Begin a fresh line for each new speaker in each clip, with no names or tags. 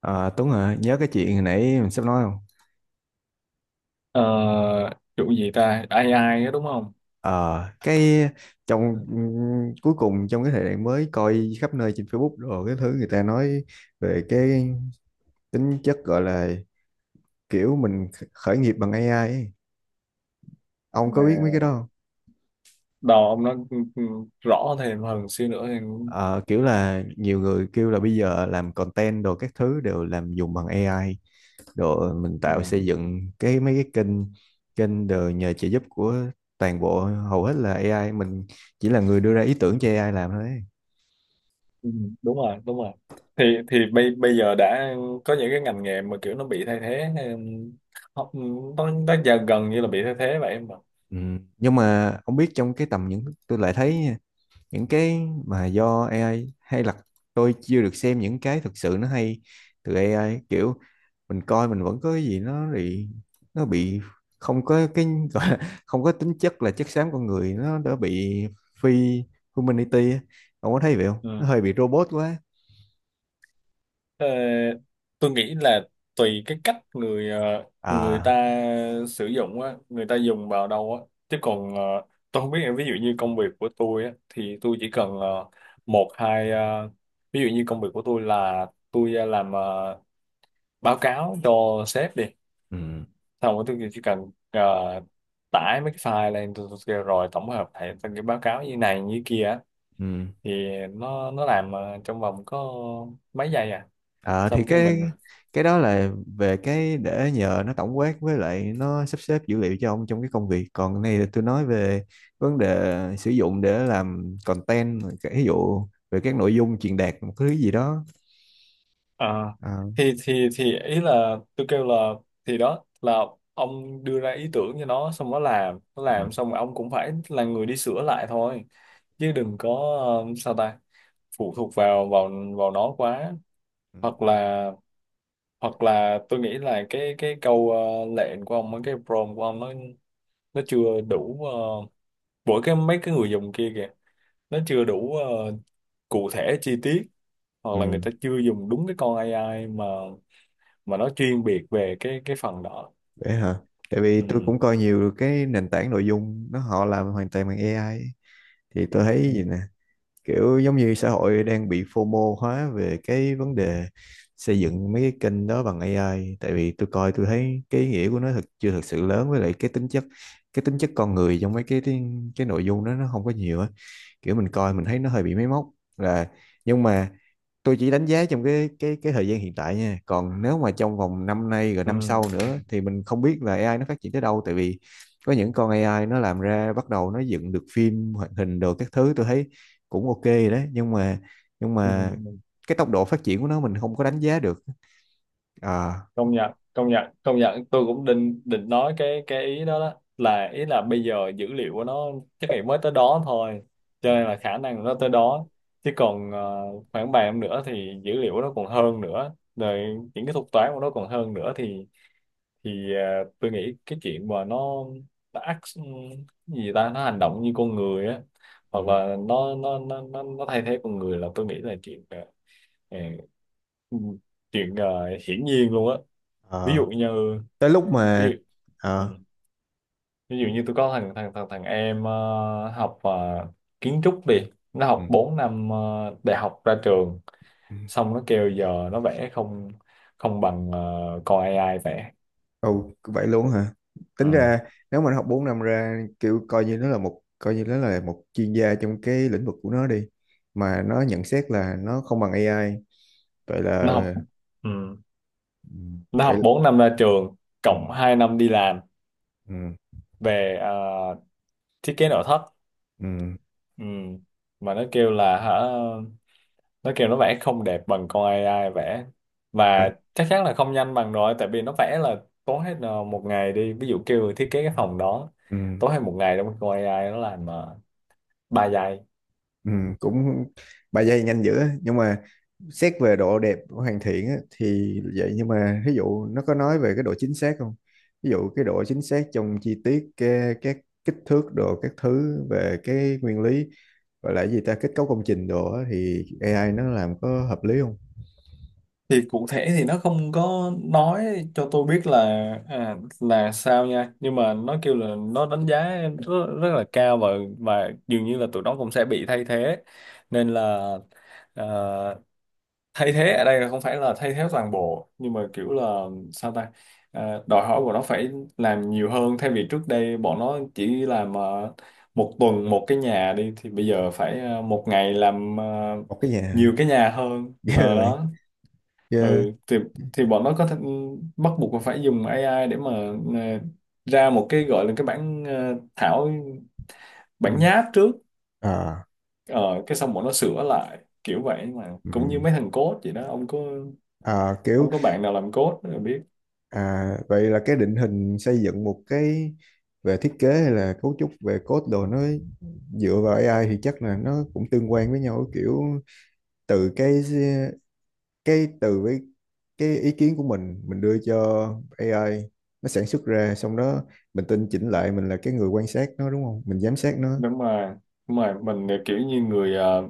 Ờ, Tuấn hả? Nhớ cái chuyện hồi nãy mình sắp nói không?
Ờ, chủ gì ta AI á, đúng không?
Ờ, cái
Ừ.
trong cuối cùng trong cái thời đại mới, coi khắp nơi trên Facebook rồi cái thứ người ta nói về cái tính chất, gọi là kiểu mình khởi nghiệp bằng AI ấy. Ông
Mà
có biết mấy cái đó không?
đầu ông nó rõ thêm hơn xíu nữa thì.
Ờ, kiểu là nhiều người kêu là bây giờ làm content đồ các thứ đều làm dùng bằng AI, đồ mình
Ừ.
tạo xây dựng cái mấy cái kênh kênh đều nhờ trợ giúp của toàn bộ, hầu hết là AI, mình chỉ là người đưa ra ý tưởng cho AI làm thôi.
Ừ, đúng rồi, đúng rồi. Thì bây bây giờ đã có những cái ngành nghề mà kiểu nó bị thay thế, nó giờ gần như là bị thay thế vậy em
Ừ. Nhưng mà không biết, trong cái tầm những, tôi lại thấy nha, những cái mà do AI hay là tôi chưa được xem những cái thực sự nó hay từ AI, kiểu mình coi mình vẫn có cái gì nó bị không có cái gọi là không có tính chất là chất xám con người, nó đã bị phi humanity á. Ông có thấy vậy không? Nó
ạ.
hơi bị robot quá.
Ờ, tôi nghĩ là tùy cái cách người ta
À,
sử dụng á, người ta dùng vào đâu á. Chứ còn, tôi không biết, ví dụ như công việc của tôi á, thì tôi chỉ cần, một hai, ví dụ như công việc của tôi là tôi làm, báo cáo cho sếp đi,
ừ,
xong rồi tôi chỉ cần tải mấy cái file lên, tôi kêu rồi tổng hợp lại thành cái báo cáo như này như kia á,
ừ.
thì nó làm trong vòng có mấy giây à,
Ờ thì
xong cái mình.
cái đó là về cái để nhờ nó tổng quát với lại nó sắp xếp dữ liệu cho ông trong cái công việc. Còn cái này là tôi nói về vấn đề sử dụng để làm content, cái ví dụ về các nội dung truyền đạt một cái thứ gì đó.
À,
À,
thì ý là tôi kêu là thì đó là ông đưa ra ý tưởng cho nó, xong nó làm, nó
ừ.
làm xong rồi ông cũng phải là người đi sửa lại thôi, chứ đừng có sao ta, phụ thuộc vào vào vào nó quá,
Ừ,
hoặc là hoặc là tôi nghĩ là cái câu lệnh của ông, cái prompt của ông nó chưa đủ, uh, mỗi cái mấy cái người dùng kia kìa, nó chưa đủ cụ thể chi tiết, hoặc là người
ừ,
ta chưa dùng đúng cái con AI mà nó chuyên biệt về cái phần đó.
vậy hả? Tại vì
Ừ.
tôi cũng coi nhiều cái nền tảng nội dung nó, họ làm hoàn toàn bằng AI ấy. Thì tôi thấy
Ừ.
gì nè, kiểu giống như xã hội đang bị FOMO hóa về cái vấn đề xây dựng mấy cái kênh đó bằng AI, tại vì tôi coi tôi thấy cái ý nghĩa của nó thực chưa thực sự lớn, với lại cái tính chất con người trong mấy cái nội dung đó nó không có nhiều á, kiểu mình coi
Ừ.
mình thấy nó hơi bị máy móc là nhưng mà tôi chỉ đánh giá trong cái thời gian hiện tại nha, còn nếu mà trong vòng năm nay rồi
Ừ.
năm sau
Ừ.
nữa thì mình không biết là AI nó phát triển tới đâu, tại vì có những con AI nó làm ra bắt đầu nó dựng được phim hoạt hình đồ các thứ, tôi thấy cũng ok rồi đấy, nhưng mà nhưng
Ừ.
mà cái tốc độ phát triển của nó mình không có đánh giá được. Ờ,
Công nhận, công nhận, công nhận, tôi cũng định định nói cái ý đó, đó là ý là bây giờ dữ liệu của nó chắc là mới tới đó thôi, cho nên là khả năng nó tới đó. Chứ còn khoảng vài năm nữa thì dữ liệu nó còn hơn nữa rồi, những cái thuật toán của nó còn hơn nữa thì tôi nghĩ cái chuyện mà nó act cái gì ta, nó hành động như con người á,
ừ,
hoặc là nó thay thế con người, là tôi nghĩ là à, ừ, chuyện à, hiển nhiên luôn á. ví dụ
ờ,
như
tới lúc
ví
mà,
dụ
ờ,
ừ, Ví dụ như tôi có thằng thằng thằng thằng em học kiến trúc đi, nó học
ừ,
4 năm đại học ra trường,
ừ.
xong nó kêu giờ nó vẽ không không bằng con AI vẽ.
Ồ, vậy luôn hả?
Ừ.
Tính ra nếu mà nó học 4 năm ra, kiểu coi như nó là một coi như nó là một chuyên gia trong cái lĩnh vực của nó đi, mà nó nhận xét là nó không bằng AI, vậy là
nó học Ừ.
ừ,
Nó
vậy
học
là,
4 năm ra trường,
ừ,
cộng 2 năm đi làm
ừ,
về thiết kế nội thất.
ừ,
Ừ. Mà nó kêu nó vẽ không đẹp bằng con AI vẽ, và
ba-
chắc chắn là không nhanh bằng rồi, tại vì nó vẽ là tốn hết một ngày đi, ví dụ kêu thiết kế cái phòng đó,
ừ,
tốn hết một ngày đâu, con AI nó làm 3 giây.
ừ, cũng 3 giây nhanh dữ á. Nhưng mà xét về độ đẹp của hoàn thiện á, thì vậy, nhưng mà ví dụ nó có nói về cái độ chính xác không? Ví dụ cái độ chính xác trong chi tiết cái, các kích thước đồ các thứ, về cái nguyên lý gọi là cái gì ta, kết cấu công trình đồ á, thì AI nó làm có hợp lý không?
Thì cụ thể thì nó không có nói cho tôi biết là là sao nha, nhưng mà nó kêu là nó đánh giá rất, rất là cao, và dường như là tụi nó cũng sẽ bị thay thế, nên là à, thay thế ở đây là không phải là thay thế toàn bộ, nhưng mà kiểu là sao ta. À, đòi hỏi của nó phải làm nhiều hơn, thay vì trước đây bọn nó chỉ làm một tuần một cái nhà đi, thì bây giờ phải một ngày làm
Một cái nhà.
nhiều cái nhà hơn.
Ghê
Ờ,
rồi,
đó. ừ,
ghê.
thì thì bọn nó có thể bắt buộc là phải dùng AI để mà ờ, ra một cái gọi là cái bản thảo,
Ừ.
bản nháp trước.
À,
Ờ, cái xong bọn nó sửa lại kiểu vậy, mà cũng như
ừ.
mấy thằng code vậy đó,
À, kiểu,
ông có bạn nào làm code rồi biết.
à, vậy là cái định hình xây dựng một cái về thiết kế hay là cấu trúc về code đồ, nó dựa vào AI thì chắc là nó cũng tương quan với nhau, kiểu từ cái từ với cái ý kiến của mình đưa cho AI, nó sản xuất ra xong đó mình tinh chỉnh lại, mình là cái người quan sát nó đúng không, mình giám sát nó.
Đúng mà, đúng rồi, mình kiểu như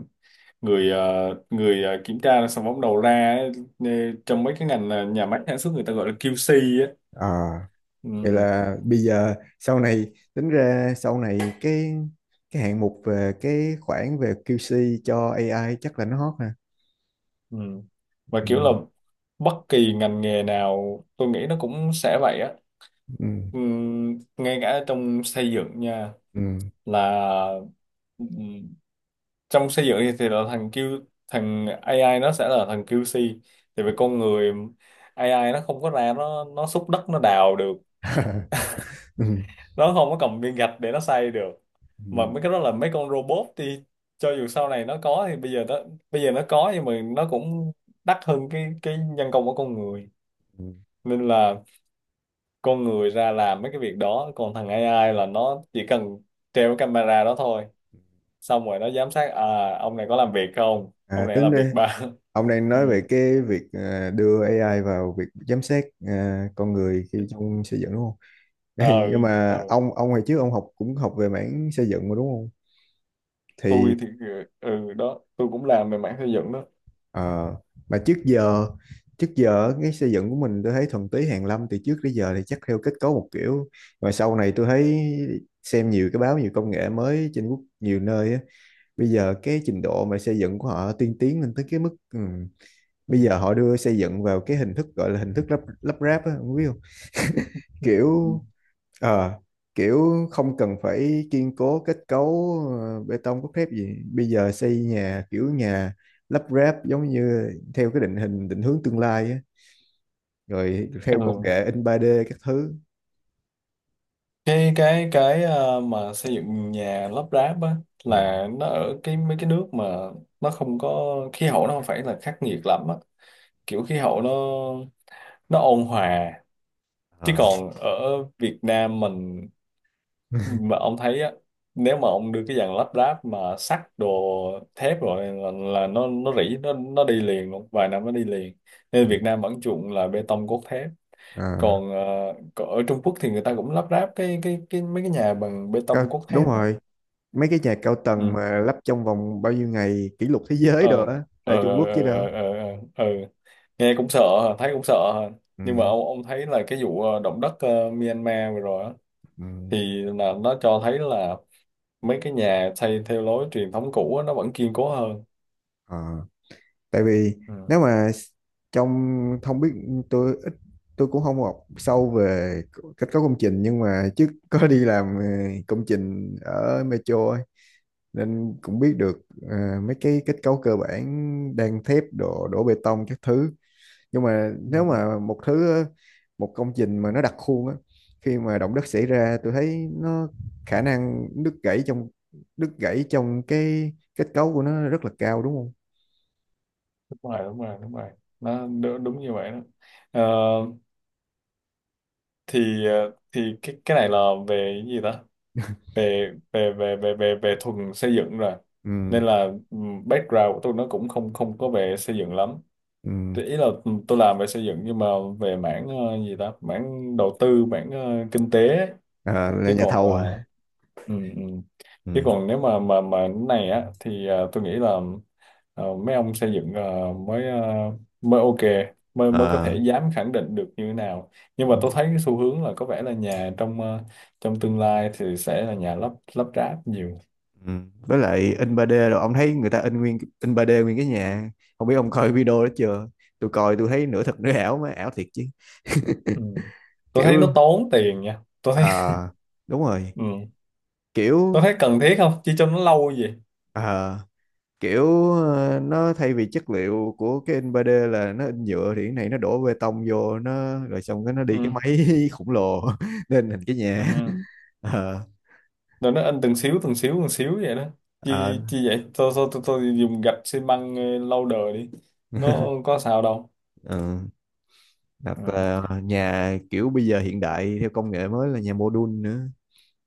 người ờ, người kiểm tra, xong bắt đầu ra ấy, ờ, trong mấy cái ngành nhà máy sản xuất người ta gọi là QC á.
À, vậy
Ừ.
là bây giờ sau này, tính ra sau này cái hạng mục về cái khoản về QC cho AI chắc là nó hot ha.
Ừ. Và
Ừ,
kiểu là bất kỳ ngành nghề nào tôi nghĩ nó cũng sẽ vậy á.
ừ,
Ngay cả trong xây dựng nha,
ừ.
là ừm, trong xây dựng thì là thằng AI nó sẽ là thằng QC. Thì về con người, AI nó không có ra, nó xúc đất nó đào được,
Ừ,
nó không có cầm viên gạch để nó xây được, mà
ừ,
mấy cái đó là mấy con robot thì cho dù sau này nó có, thì bây giờ nó có nhưng mà nó cũng đắt hơn cái nhân công của con người,
ừ.
nên là con người ra làm mấy cái việc đó, còn thằng AI là nó chỉ cần treo cái camera đó thôi, xong rồi nó giám sát, ông này có làm việc không,
À,
ông này
tính
làm
ra
việc ba.
ông đang
Ừ.
nói về cái việc, à, đưa AI vào việc giám sát, à, con người khi trong xây dựng đúng không?
ờ
Đây, nhưng
ờ,
mà ông hồi trước ông học cũng học về mảng xây dựng mà đúng không?
tôi
Thì,
thì đó, tôi cũng làm về mảng xây dựng đó.
Ờ, mà trước giờ cái xây dựng của mình tôi thấy thuần túy hàn lâm, từ trước tới giờ thì chắc theo kết cấu một kiểu, mà sau này tôi thấy xem nhiều cái báo, nhiều công nghệ mới trên quốc, nhiều nơi á, bây giờ cái trình độ mà xây dựng của họ tiên tiến lên tới cái mức, ừ, bây giờ họ đưa xây dựng vào cái hình thức, gọi là hình thức lắp lắp ráp á, không biết không,
Ừ.
kiểu. Ờ, Kiểu không cần phải kiên cố kết cấu, bê tông cốt thép gì. Bây giờ xây nhà kiểu nhà lắp ráp giống như theo cái định hình định hướng tương lai á, rồi theo công
Ừ.
nghệ in 3D các thứ.
Mà xây dựng nhà lắp ráp á,
Ừ.
là nó ở cái mấy cái nước mà nó không có khí hậu, nó không phải là khắc nghiệt lắm á, kiểu khí hậu nó ôn hòa, chứ
Ờ.
còn ở Việt Nam mình mà ông thấy á, nếu mà ông đưa cái dàn lắp ráp mà sắt đồ thép rồi là nó rỉ, nó đi liền luôn, vài năm nó đi liền, nên Việt Nam vẫn chuộng là bê tông cốt thép.
Ờ,
Còn, còn ở Trung Quốc thì người ta cũng lắp ráp cái mấy cái nhà bằng bê
có,
tông cốt
đúng
thép á.
rồi, mấy cái nhà cao tầng
Ừ.
mà lắp trong vòng bao nhiêu ngày kỷ lục thế giới
ờ
rồi á,
ờ
tại Trung
ờ
Quốc chứ
ờ
đâu.
ờ ờ, ờ. ừ. Nghe cũng sợ hả? Thấy cũng sợ hả?
Ừ.
Nhưng mà ông thấy là cái vụ động đất Myanmar vừa rồi á,
Ừ.
thì là nó cho thấy là mấy cái nhà xây theo lối truyền thống cũ á, nó vẫn kiên cố hơn.
Ờ. Tại vì
Ừ.
nếu mà trong, không biết, tôi ít, tôi cũng không học sâu về kết cấu công trình, nhưng mà trước có đi làm, công trình ở metro ấy, nên cũng biết được, mấy cái kết cấu cơ bản, đan thép đổ đổ bê tông các thứ, nhưng mà nếu
Ừ.
mà một công trình mà nó đặc khuôn á, khi mà động đất xảy ra tôi thấy nó khả năng đứt gãy trong cái kết cấu của nó rất là cao đúng không?
Đúng rồi, đúng rồi, đúng rồi, nó đúng, đúng như vậy đó. Ờ, thì cái này là về cái gì ta, về về về về về về thuần xây dựng rồi,
Ừ,
nên là background của tôi nó cũng không không có về xây dựng lắm.
ừ.
Thì ý là tôi làm về xây dựng nhưng mà về mảng gì ta, mảng đầu tư, mảng kinh tế ấy.
Ờ, là
chứ
nhà
còn
thầu
ờ,
hả?
ừ, ừ. Chứ
Ừ.
còn nếu mà cái này á thì tôi nghĩ là mấy ông xây dựng mới ok, mới mới có thể
Ờ,
dám khẳng định được như thế nào. Nhưng mà tôi thấy cái xu hướng là có vẻ là nhà trong trong tương lai thì sẽ là nhà lắp lắp ráp nhiều.
ừ. Với lại in 3D rồi ông thấy người ta in nguyên, in 3D nguyên cái nhà. Không biết ông coi video đó chưa? Tôi coi tôi thấy nửa thật nửa ảo mà ảo thiệt chứ.
Ừ. Tôi thấy nó
Kiểu
tốn tiền nha, tôi thấy.
À, đúng rồi,
Ừ. Tôi
kiểu
thấy cần thiết không, chỉ cho nó lâu gì.
à kiểu nó thay vì chất liệu của cái in 3D là nó in nhựa thì cái này nó đổ bê tông vô nó rồi xong cái nó đi cái
Ừ.
máy khổng lồ nên hình cái
Ừ.
nhà.
Ừ.
Ờ,
Rồi nó in từng xíu từng xíu từng xíu vậy đó,
ờ.
chi chi vậy, tôi dùng gạch xi măng lâu đời đi, nó có sao đâu.
Ừ. Đặt
Ừ.
là nhà kiểu bây giờ hiện đại theo công nghệ mới là nhà mô đun nữa,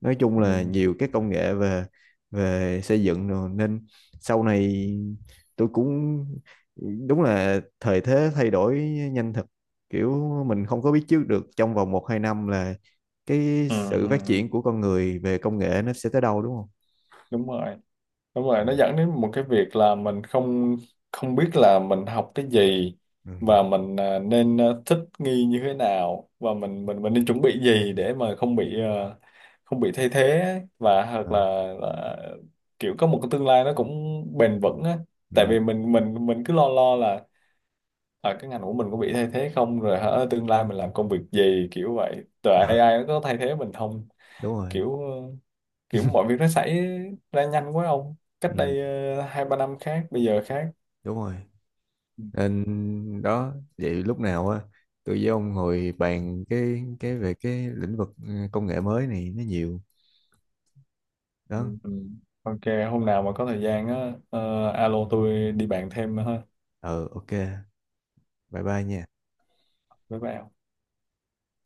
nói chung là
Ừ,
nhiều cái công nghệ về về xây dựng rồi, nên sau này tôi cũng, đúng là thời thế thay đổi nhanh thật, kiểu mình không có biết trước được trong vòng một hai năm là cái
ừ,
sự
ừ,
phát
ừ.
triển của con người về công nghệ nó sẽ tới đâu đúng không?
Đúng rồi, đúng rồi,
Ừ.
nó dẫn đến một cái việc là mình không không biết là mình học cái gì,
Ừ.
và mình nên thích nghi như thế nào, và mình nên chuẩn bị gì để mà không bị không bị thay thế ấy, và hoặc
Ờ.
là, là kiểu có một cái tương lai nó cũng bền vững á, tại vì
Ừ.
mình cứ lo lo là cái ngành của mình có bị thay thế không, rồi hả tương lai mình làm công việc gì kiểu vậy, rồi
Ờ,
AI nó có thay thế mình không,
đúng rồi.
kiểu kiểu mọi việc nó xảy ra nhanh quá ông, cách đây
Ừ,
2-3 năm khác, bây giờ khác.
đúng rồi,
Ừ,
nên đó vậy lúc nào á tôi với ông ngồi bàn cái về cái lĩnh vực, ừ, công nghệ mới này nó nhiều đó.
ừ. Ừ. Ok hôm nào mà có thời gian á, alo tôi đi bàn thêm nữa ha
Ờ, ok, bye bye nha.
với bạn.